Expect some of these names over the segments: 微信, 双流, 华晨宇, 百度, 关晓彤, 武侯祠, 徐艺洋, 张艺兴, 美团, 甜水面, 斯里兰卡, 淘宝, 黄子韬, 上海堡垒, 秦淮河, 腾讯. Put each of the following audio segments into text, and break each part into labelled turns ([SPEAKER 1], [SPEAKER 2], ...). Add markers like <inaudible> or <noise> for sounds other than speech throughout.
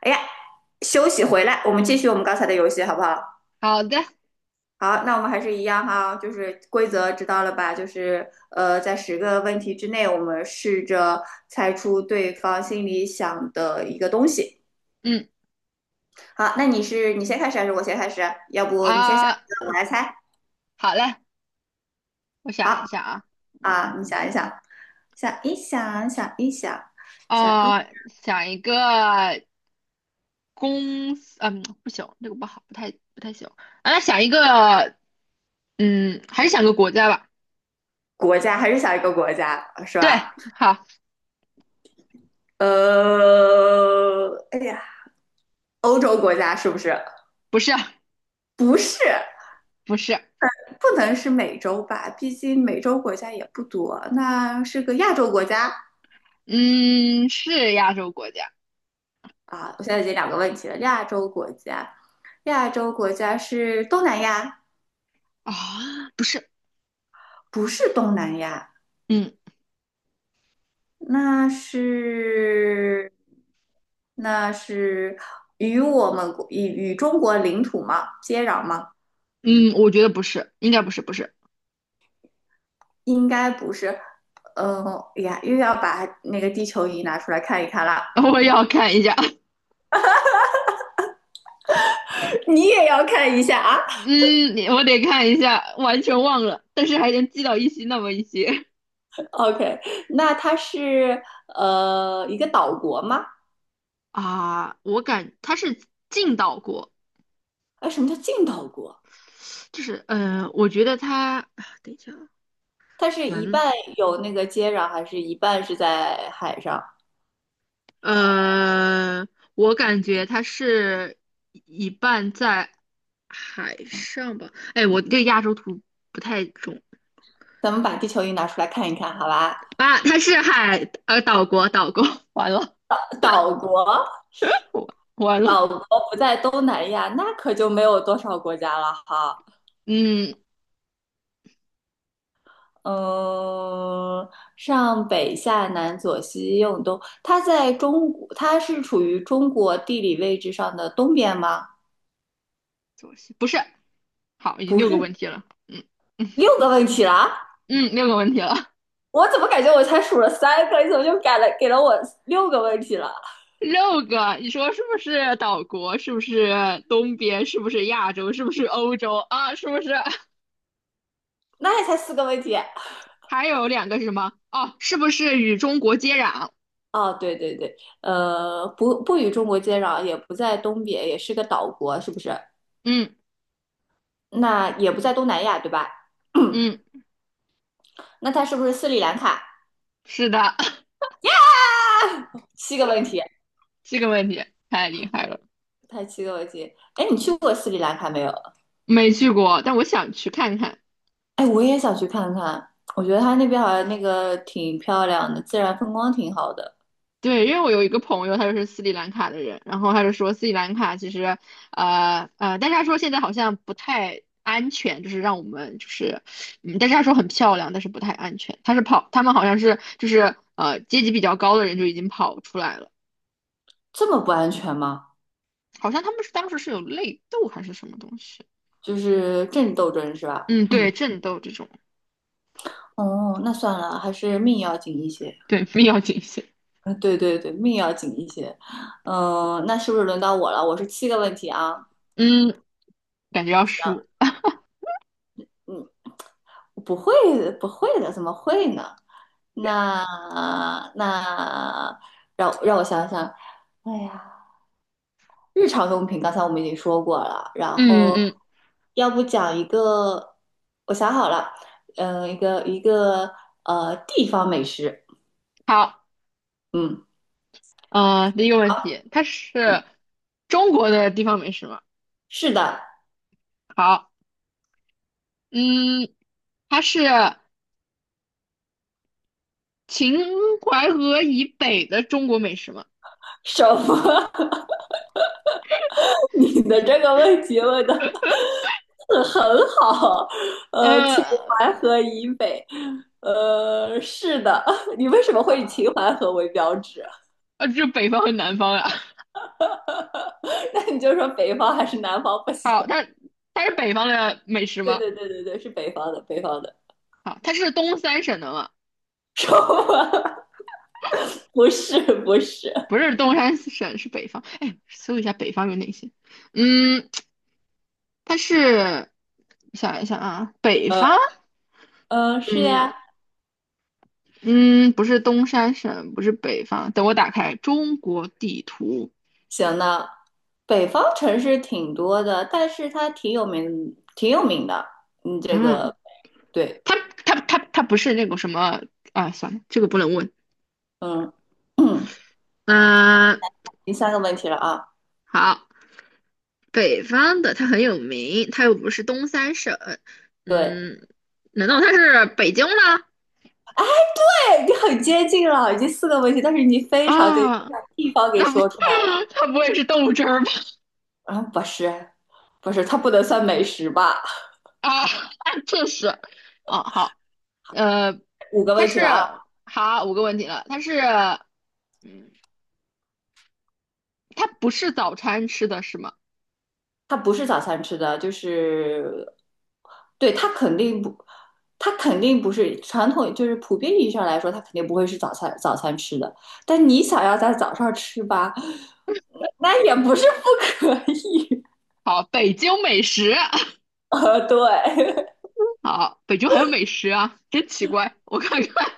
[SPEAKER 1] 哎呀，休息回来，我们继续我们刚才的游戏，好不好？
[SPEAKER 2] 好的，
[SPEAKER 1] 好，那我们还是一样哈，就是规则知道了吧？就是在10个问题之内，我们试着猜出对方心里想的一个东西。
[SPEAKER 2] 嗯
[SPEAKER 1] 好，那你先开始还是我先开始啊？要不你先想
[SPEAKER 2] 啊，
[SPEAKER 1] 一个，我来猜。
[SPEAKER 2] 好嘞，我想
[SPEAKER 1] 好
[SPEAKER 2] 一下啊，嗯
[SPEAKER 1] 啊，你想一想，想一想，想一想，想一
[SPEAKER 2] 啊，想一个公司，嗯，不行，这个不好，不太行。啊，那想一个，嗯，还是想个国家吧。
[SPEAKER 1] 国家还是想一个国家是
[SPEAKER 2] 对，
[SPEAKER 1] 吧？
[SPEAKER 2] 好，
[SPEAKER 1] 哎呀，欧洲国家是不是？
[SPEAKER 2] 不是
[SPEAKER 1] 不是。
[SPEAKER 2] 不是，
[SPEAKER 1] 不能是美洲吧，毕竟美洲国家也不多。那是个亚洲国家
[SPEAKER 2] 嗯，是亚洲国家
[SPEAKER 1] 啊，我现在已经两个问题了。亚洲国家，亚洲国家是东南亚，
[SPEAKER 2] 啊，不是，
[SPEAKER 1] 不是东南亚，
[SPEAKER 2] 嗯
[SPEAKER 1] 那是那是与我们国与与中国领土吗？接壤吗？
[SPEAKER 2] 嗯，我觉得不是，应该不是不是，
[SPEAKER 1] 应该不是。嗯、又要把那个地球仪拿出来看一看啦，
[SPEAKER 2] <laughs> 我要看一下，<laughs>
[SPEAKER 1] <laughs> 你也要看一下啊。
[SPEAKER 2] 嗯，我得看一下，完全忘了，但是还能记到一些那么一些。
[SPEAKER 1] OK,那它是一个岛国吗？
[SPEAKER 2] 啊，我感他是进到过，
[SPEAKER 1] 哎，什么叫近岛国？
[SPEAKER 2] 就是我觉得他，等一下啊，
[SPEAKER 1] 它是
[SPEAKER 2] 完
[SPEAKER 1] 一
[SPEAKER 2] 了，
[SPEAKER 1] 半有那个接壤，还是一半是在海上？
[SPEAKER 2] 呃，我感觉他是一半在海上吧，哎，我对亚洲图不太懂
[SPEAKER 1] 咱们把地球仪拿出来看一看，好吧？
[SPEAKER 2] 啊，他是岛国岛国，<laughs> 完了，
[SPEAKER 1] 岛国，
[SPEAKER 2] 我完了，
[SPEAKER 1] 岛国不在东南亚，那可就没有多少国家了哈。
[SPEAKER 2] 嗯，
[SPEAKER 1] 嗯，上北下南左西右东，它在中国，它是处于中国地理位置上的东边吗？
[SPEAKER 2] 左西不是，好，已经
[SPEAKER 1] 不
[SPEAKER 2] 六个
[SPEAKER 1] 是，
[SPEAKER 2] 问题了，嗯嗯
[SPEAKER 1] 六个问题了啊。
[SPEAKER 2] 嗯，六个问题了，
[SPEAKER 1] 我怎么感觉我才数了三个，你怎么就改了给了我六个问题了？
[SPEAKER 2] 六个，你说是不是岛国？是不是东边？是不是亚洲？是不是欧洲啊？是不是
[SPEAKER 1] 那也才四个问题
[SPEAKER 2] 还有两个是什么？哦，是不是与中国接壤？
[SPEAKER 1] 啊！对对对，不与中国接壤，也不在东边，也是个岛国，是不是？
[SPEAKER 2] 嗯
[SPEAKER 1] 那也不在东南亚，对吧？
[SPEAKER 2] 嗯，
[SPEAKER 1] <clears throat> 那它是不是斯里兰卡？
[SPEAKER 2] 是的，<laughs>
[SPEAKER 1] 七个问题，
[SPEAKER 2] 这个问题太厉害了，
[SPEAKER 1] 它七个问题。哎，你去过斯里兰卡没有？
[SPEAKER 2] 没去过，但我想去看看。
[SPEAKER 1] 哎，我也想去看看，我觉得它那边好像那个挺漂亮的，自然风光挺好的。
[SPEAKER 2] 对，因为我有一个朋友，他就是斯里兰卡的人，然后他就说斯里兰卡其实，但是他说现在好像不太安全，就是让我们就是，嗯，但是他说很漂亮，但是不太安全。他是跑，他们好像是就是阶级比较高的人就已经跑出来了，
[SPEAKER 1] 这么不安全吗？
[SPEAKER 2] 好像他们是当时是有内斗还是什么东西，
[SPEAKER 1] 就是政治斗争是吧？
[SPEAKER 2] 嗯，对，战斗这种，
[SPEAKER 1] 哦，那算了，还是命要紧一些。
[SPEAKER 2] 对，必要谨慎，
[SPEAKER 1] 嗯，对对对，命要紧一些。嗯，那是不是轮到我了？我是七个问题啊。
[SPEAKER 2] 嗯，感觉要输，
[SPEAKER 1] 嗯，不会不会的，怎么会呢？那那让我想想，哎呀，日常用品刚才我们已经说过了，然
[SPEAKER 2] 嗯
[SPEAKER 1] 后
[SPEAKER 2] 嗯，
[SPEAKER 1] 要不讲一个，我想好了，一个地方美食，
[SPEAKER 2] 好，
[SPEAKER 1] 嗯，
[SPEAKER 2] 第一个问题，它是中国的地方美食吗？
[SPEAKER 1] 是的，
[SPEAKER 2] 好。嗯，它是秦淮河以北的中国美食吗？
[SPEAKER 1] 什么？<laughs> 你的这个问题问的 <laughs> 嗯，很好，
[SPEAKER 2] 呃
[SPEAKER 1] 秦淮河以北，是的，<laughs> 你为什么会以
[SPEAKER 2] 啊
[SPEAKER 1] 秦淮河为标志啊？
[SPEAKER 2] 这是北方和南方呀、<laughs>
[SPEAKER 1] <laughs> 那你就说北方还是南方不行？
[SPEAKER 2] 它是北方的美食
[SPEAKER 1] 对
[SPEAKER 2] 吗？
[SPEAKER 1] 对对对对，是北方的，北方的，
[SPEAKER 2] 好，它是东三省的吗？
[SPEAKER 1] <laughs> 说吧，不是不是，
[SPEAKER 2] 不是东三省，是北方。哎，搜一下北方有哪些？嗯，它是想一下啊，北
[SPEAKER 1] 呃
[SPEAKER 2] 方，
[SPEAKER 1] 是
[SPEAKER 2] 嗯
[SPEAKER 1] 呀，
[SPEAKER 2] 嗯，不是东三省，不是北方。等我打开中国地图，
[SPEAKER 1] 行呢，北方城市挺多的，但是它挺有名，挺有名的，嗯，这
[SPEAKER 2] 嗯，
[SPEAKER 1] 个对，
[SPEAKER 2] 它它不是那个什么啊？算了，这个不能问。
[SPEAKER 1] 嗯嗯，
[SPEAKER 2] 嗯，
[SPEAKER 1] <clears throat> 第三个问题了啊，
[SPEAKER 2] 好，北方的它很有名，它又不是东三省，
[SPEAKER 1] 对。
[SPEAKER 2] 嗯，难道它是北京吗？
[SPEAKER 1] 哎你很接近了，已经四个问题，但是你非常接近，
[SPEAKER 2] 啊，
[SPEAKER 1] 把地方给
[SPEAKER 2] 那不，
[SPEAKER 1] 说出来了。
[SPEAKER 2] <laughs> 它不会是豆汁儿吧？
[SPEAKER 1] 啊，不是，不是，它不能算美食吧？
[SPEAKER 2] 啊，<laughs> 这是，哦，好，呃，
[SPEAKER 1] 五个
[SPEAKER 2] 它
[SPEAKER 1] 问题
[SPEAKER 2] 是，
[SPEAKER 1] 了啊，
[SPEAKER 2] 好，五个问题了，它是，嗯，它不是早餐吃的是吗？
[SPEAKER 1] 它不是早餐吃的，就是，对，它肯定不是传统，就是普遍意义上来说，它肯定不会是早餐吃的。但你想要在早上吃吧，那也不是不可以。
[SPEAKER 2] 好，北京美食，
[SPEAKER 1] <laughs> 对，
[SPEAKER 2] <laughs> 好，北京还有美食啊，真奇怪，我看看，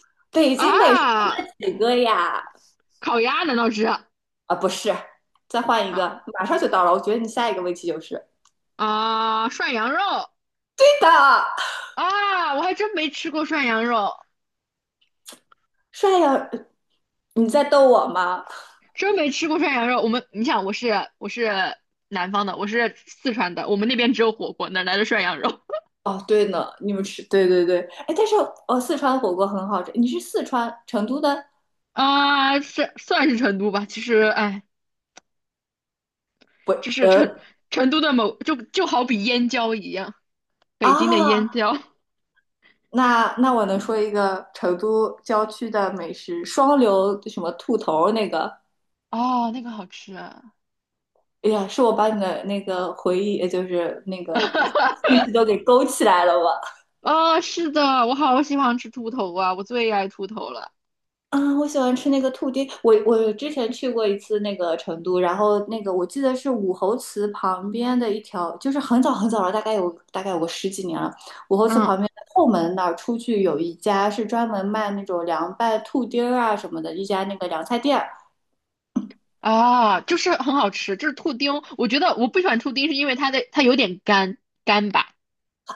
[SPEAKER 1] <laughs> 北
[SPEAKER 2] <laughs>
[SPEAKER 1] 京美食就
[SPEAKER 2] 啊，
[SPEAKER 1] 那几个呀，
[SPEAKER 2] 烤鸭难道是？
[SPEAKER 1] 啊，不是，再换一
[SPEAKER 2] 好，
[SPEAKER 1] 个，马上就到了。我觉得你下一个问题就是
[SPEAKER 2] 啊，涮羊肉
[SPEAKER 1] 对的，
[SPEAKER 2] 啊，我还真没吃过涮羊肉，
[SPEAKER 1] 帅呀！你在逗我吗？
[SPEAKER 2] 真没吃过涮羊肉。我们，你想，我是南方的，我是四川的，我们那边只有火锅，哪来的涮羊肉
[SPEAKER 1] 哦，对呢，你们吃，对对对，哎，但是哦，四川火锅很好吃。你是四川成都的？
[SPEAKER 2] <laughs> 啊？是算是成都吧，其实哎，
[SPEAKER 1] 不，
[SPEAKER 2] 就是成
[SPEAKER 1] 呃
[SPEAKER 2] 成都的某就好比燕郊一样，北京的燕
[SPEAKER 1] 啊，
[SPEAKER 2] 郊。
[SPEAKER 1] 那我能说一个成都郊区的美食，双流什么兔头那个？
[SPEAKER 2] 哦，那个好吃啊！
[SPEAKER 1] 哎呀，是我把你的那个回忆，也就是那个信息都给勾起来了吧？
[SPEAKER 2] 哦是的，我好喜欢吃兔头啊，我最爱兔头了。
[SPEAKER 1] 啊，我喜欢吃那个兔丁。我之前去过一次那个成都，然后那个我记得是武侯祠旁边的一条，就是很早很早了，大概有个十几年了。武侯祠旁
[SPEAKER 2] 嗯。
[SPEAKER 1] 边的后门那儿出去有一家是专门卖那种凉拌兔丁儿啊什么的，一家那个凉菜店儿。
[SPEAKER 2] 啊，就是很好吃，就是兔丁。我觉得我不喜欢兔丁，是因为它有点干吧。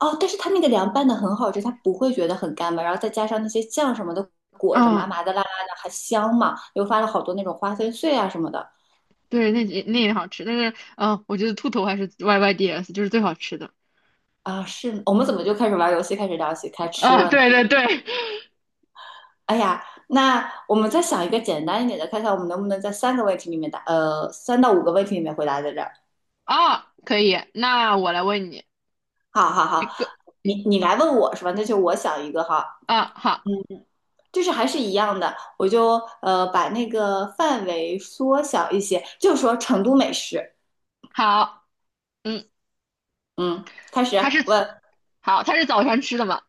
[SPEAKER 1] 哦，但是它那个凉拌的很好吃，它不会觉得很干巴，然后再加上那些酱什么的裹着，麻
[SPEAKER 2] 嗯，
[SPEAKER 1] 麻的、辣辣的，还香嘛，又发了好多那种花生碎啊什么的。
[SPEAKER 2] 对，那也好吃，但是我觉得兔头还是 YYDS 就是最好吃的。
[SPEAKER 1] 啊，是，我们怎么就开始玩游戏，开始聊起开
[SPEAKER 2] <laughs>
[SPEAKER 1] 吃
[SPEAKER 2] 啊，
[SPEAKER 1] 了呢？
[SPEAKER 2] 对对对，
[SPEAKER 1] 哎呀，那我们再想一个简单一点的，看看我们能不能在三个问题里面答，三到五个问题里面回答在这儿。
[SPEAKER 2] 啊，可以。那我来问你
[SPEAKER 1] 好好
[SPEAKER 2] 一
[SPEAKER 1] 好，
[SPEAKER 2] 个，
[SPEAKER 1] 你来问我是吧？那就我想一个哈，
[SPEAKER 2] 啊，好，
[SPEAKER 1] 就是还是一样的，我就把那个范围缩小一些，就说成都美食。
[SPEAKER 2] 好，嗯，
[SPEAKER 1] 嗯，开始
[SPEAKER 2] 它是
[SPEAKER 1] 问
[SPEAKER 2] 好，它是早上吃的吗？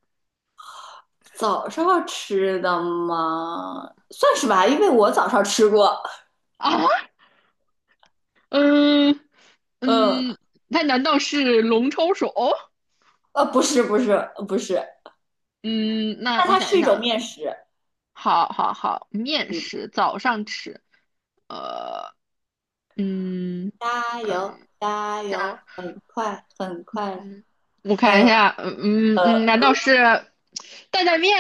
[SPEAKER 1] 早上吃的吗？算是吧，因为我早上吃过。
[SPEAKER 2] 啊，嗯
[SPEAKER 1] 嗯，
[SPEAKER 2] 嗯，它难道是龙抄手？
[SPEAKER 1] 不是不是不是，
[SPEAKER 2] 嗯，那
[SPEAKER 1] 那
[SPEAKER 2] 我
[SPEAKER 1] 它
[SPEAKER 2] 想
[SPEAKER 1] 是
[SPEAKER 2] 一
[SPEAKER 1] 一
[SPEAKER 2] 想
[SPEAKER 1] 种
[SPEAKER 2] 啊，
[SPEAKER 1] 面食。
[SPEAKER 2] 好好好，面
[SPEAKER 1] 嗯。
[SPEAKER 2] 食早上吃。呃，嗯
[SPEAKER 1] 加油，
[SPEAKER 2] 嗯，
[SPEAKER 1] 加
[SPEAKER 2] 看
[SPEAKER 1] 油，很快，很快。
[SPEAKER 2] 嗯，我看一
[SPEAKER 1] 呃
[SPEAKER 2] 下，嗯嗯，难道是担担面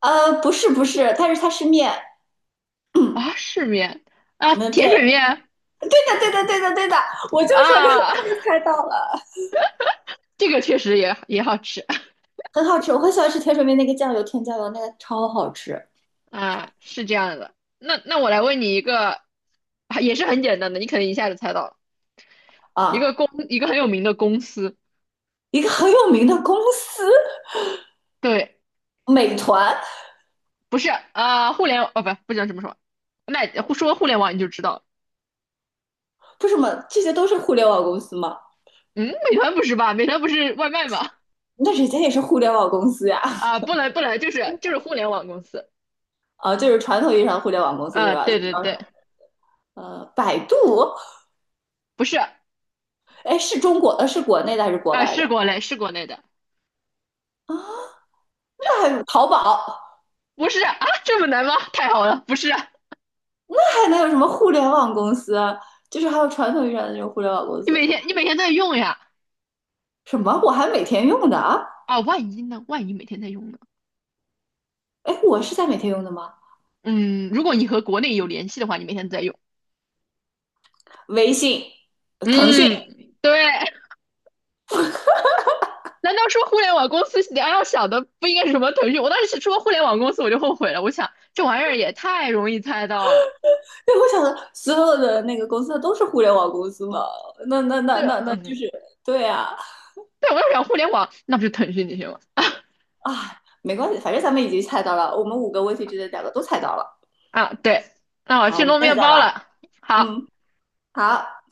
[SPEAKER 1] 不是不是，它是面。<clears throat> 嗯，
[SPEAKER 2] 啊？是面啊，
[SPEAKER 1] 对，对
[SPEAKER 2] 甜水面
[SPEAKER 1] 的，对的，对的，对的，我就说你很
[SPEAKER 2] 啊，
[SPEAKER 1] 快
[SPEAKER 2] <laughs>
[SPEAKER 1] 就猜到了，
[SPEAKER 2] 这个确实也好吃
[SPEAKER 1] 很好吃。我很喜欢吃甜水面那个酱油，甜酱油那个超好吃
[SPEAKER 2] 啊，是这样的。那我来问你一个，啊也是很简单的，你可能一下就猜到了，
[SPEAKER 1] 啊！
[SPEAKER 2] 一个很有名的公司，
[SPEAKER 1] 一个很有名的公司，
[SPEAKER 2] 对，
[SPEAKER 1] 美团，
[SPEAKER 2] 不是啊，互联网哦，不知道什么说，那说互联网你就知道了
[SPEAKER 1] 不是吗？这些都是互联网公司吗？
[SPEAKER 2] 嗯，美团不是吧？美团不是外卖吗？
[SPEAKER 1] 那人家也是互联网公司呀，
[SPEAKER 2] 啊，不能不能，就是互联网公司。
[SPEAKER 1] 啊，就是传统意义上的互联网公司对
[SPEAKER 2] 嗯，
[SPEAKER 1] 吧？就
[SPEAKER 2] 对
[SPEAKER 1] 主
[SPEAKER 2] 对
[SPEAKER 1] 要
[SPEAKER 2] 对，
[SPEAKER 1] 是百度，
[SPEAKER 2] 不是，
[SPEAKER 1] 哎，是中国呃是国内的还是国
[SPEAKER 2] 啊，
[SPEAKER 1] 外
[SPEAKER 2] 是
[SPEAKER 1] 的？
[SPEAKER 2] 国内是国内的，
[SPEAKER 1] 淘宝
[SPEAKER 2] 不是啊，这么难吗？太好了，不是，
[SPEAKER 1] 还能有什么互联网公司，就是还有传统意义上的那种互联网公
[SPEAKER 2] 你
[SPEAKER 1] 司。
[SPEAKER 2] 每天你每天在用呀，
[SPEAKER 1] 什么？我还每天用的啊？
[SPEAKER 2] 啊，万一呢？万一每天在用呢？
[SPEAKER 1] 哎，我是在每天用的吗？
[SPEAKER 2] 嗯，如果你和国内有联系的话，你每天在用。
[SPEAKER 1] 微信、腾讯，
[SPEAKER 2] 嗯，对。难道说互联网公司你要想的不应该是什么腾讯？我当时说互联网公司我就后悔了，我想这玩意儿也太容易猜到了。
[SPEAKER 1] 对，我想的所有的那个公司都是互联网公司嘛？那那那
[SPEAKER 2] 对，
[SPEAKER 1] 那那就
[SPEAKER 2] 嗯，
[SPEAKER 1] 是对啊。
[SPEAKER 2] 对，我要想互联网，那不是腾讯那些吗？
[SPEAKER 1] 啊，没关系，反正咱们已经猜到了，我们五个问题之内两个都猜到了。
[SPEAKER 2] 啊，对，那我
[SPEAKER 1] 好，
[SPEAKER 2] 去
[SPEAKER 1] 我们
[SPEAKER 2] 弄
[SPEAKER 1] 下次
[SPEAKER 2] 面
[SPEAKER 1] 再
[SPEAKER 2] 包
[SPEAKER 1] 玩。
[SPEAKER 2] 了。好，
[SPEAKER 1] 嗯，好。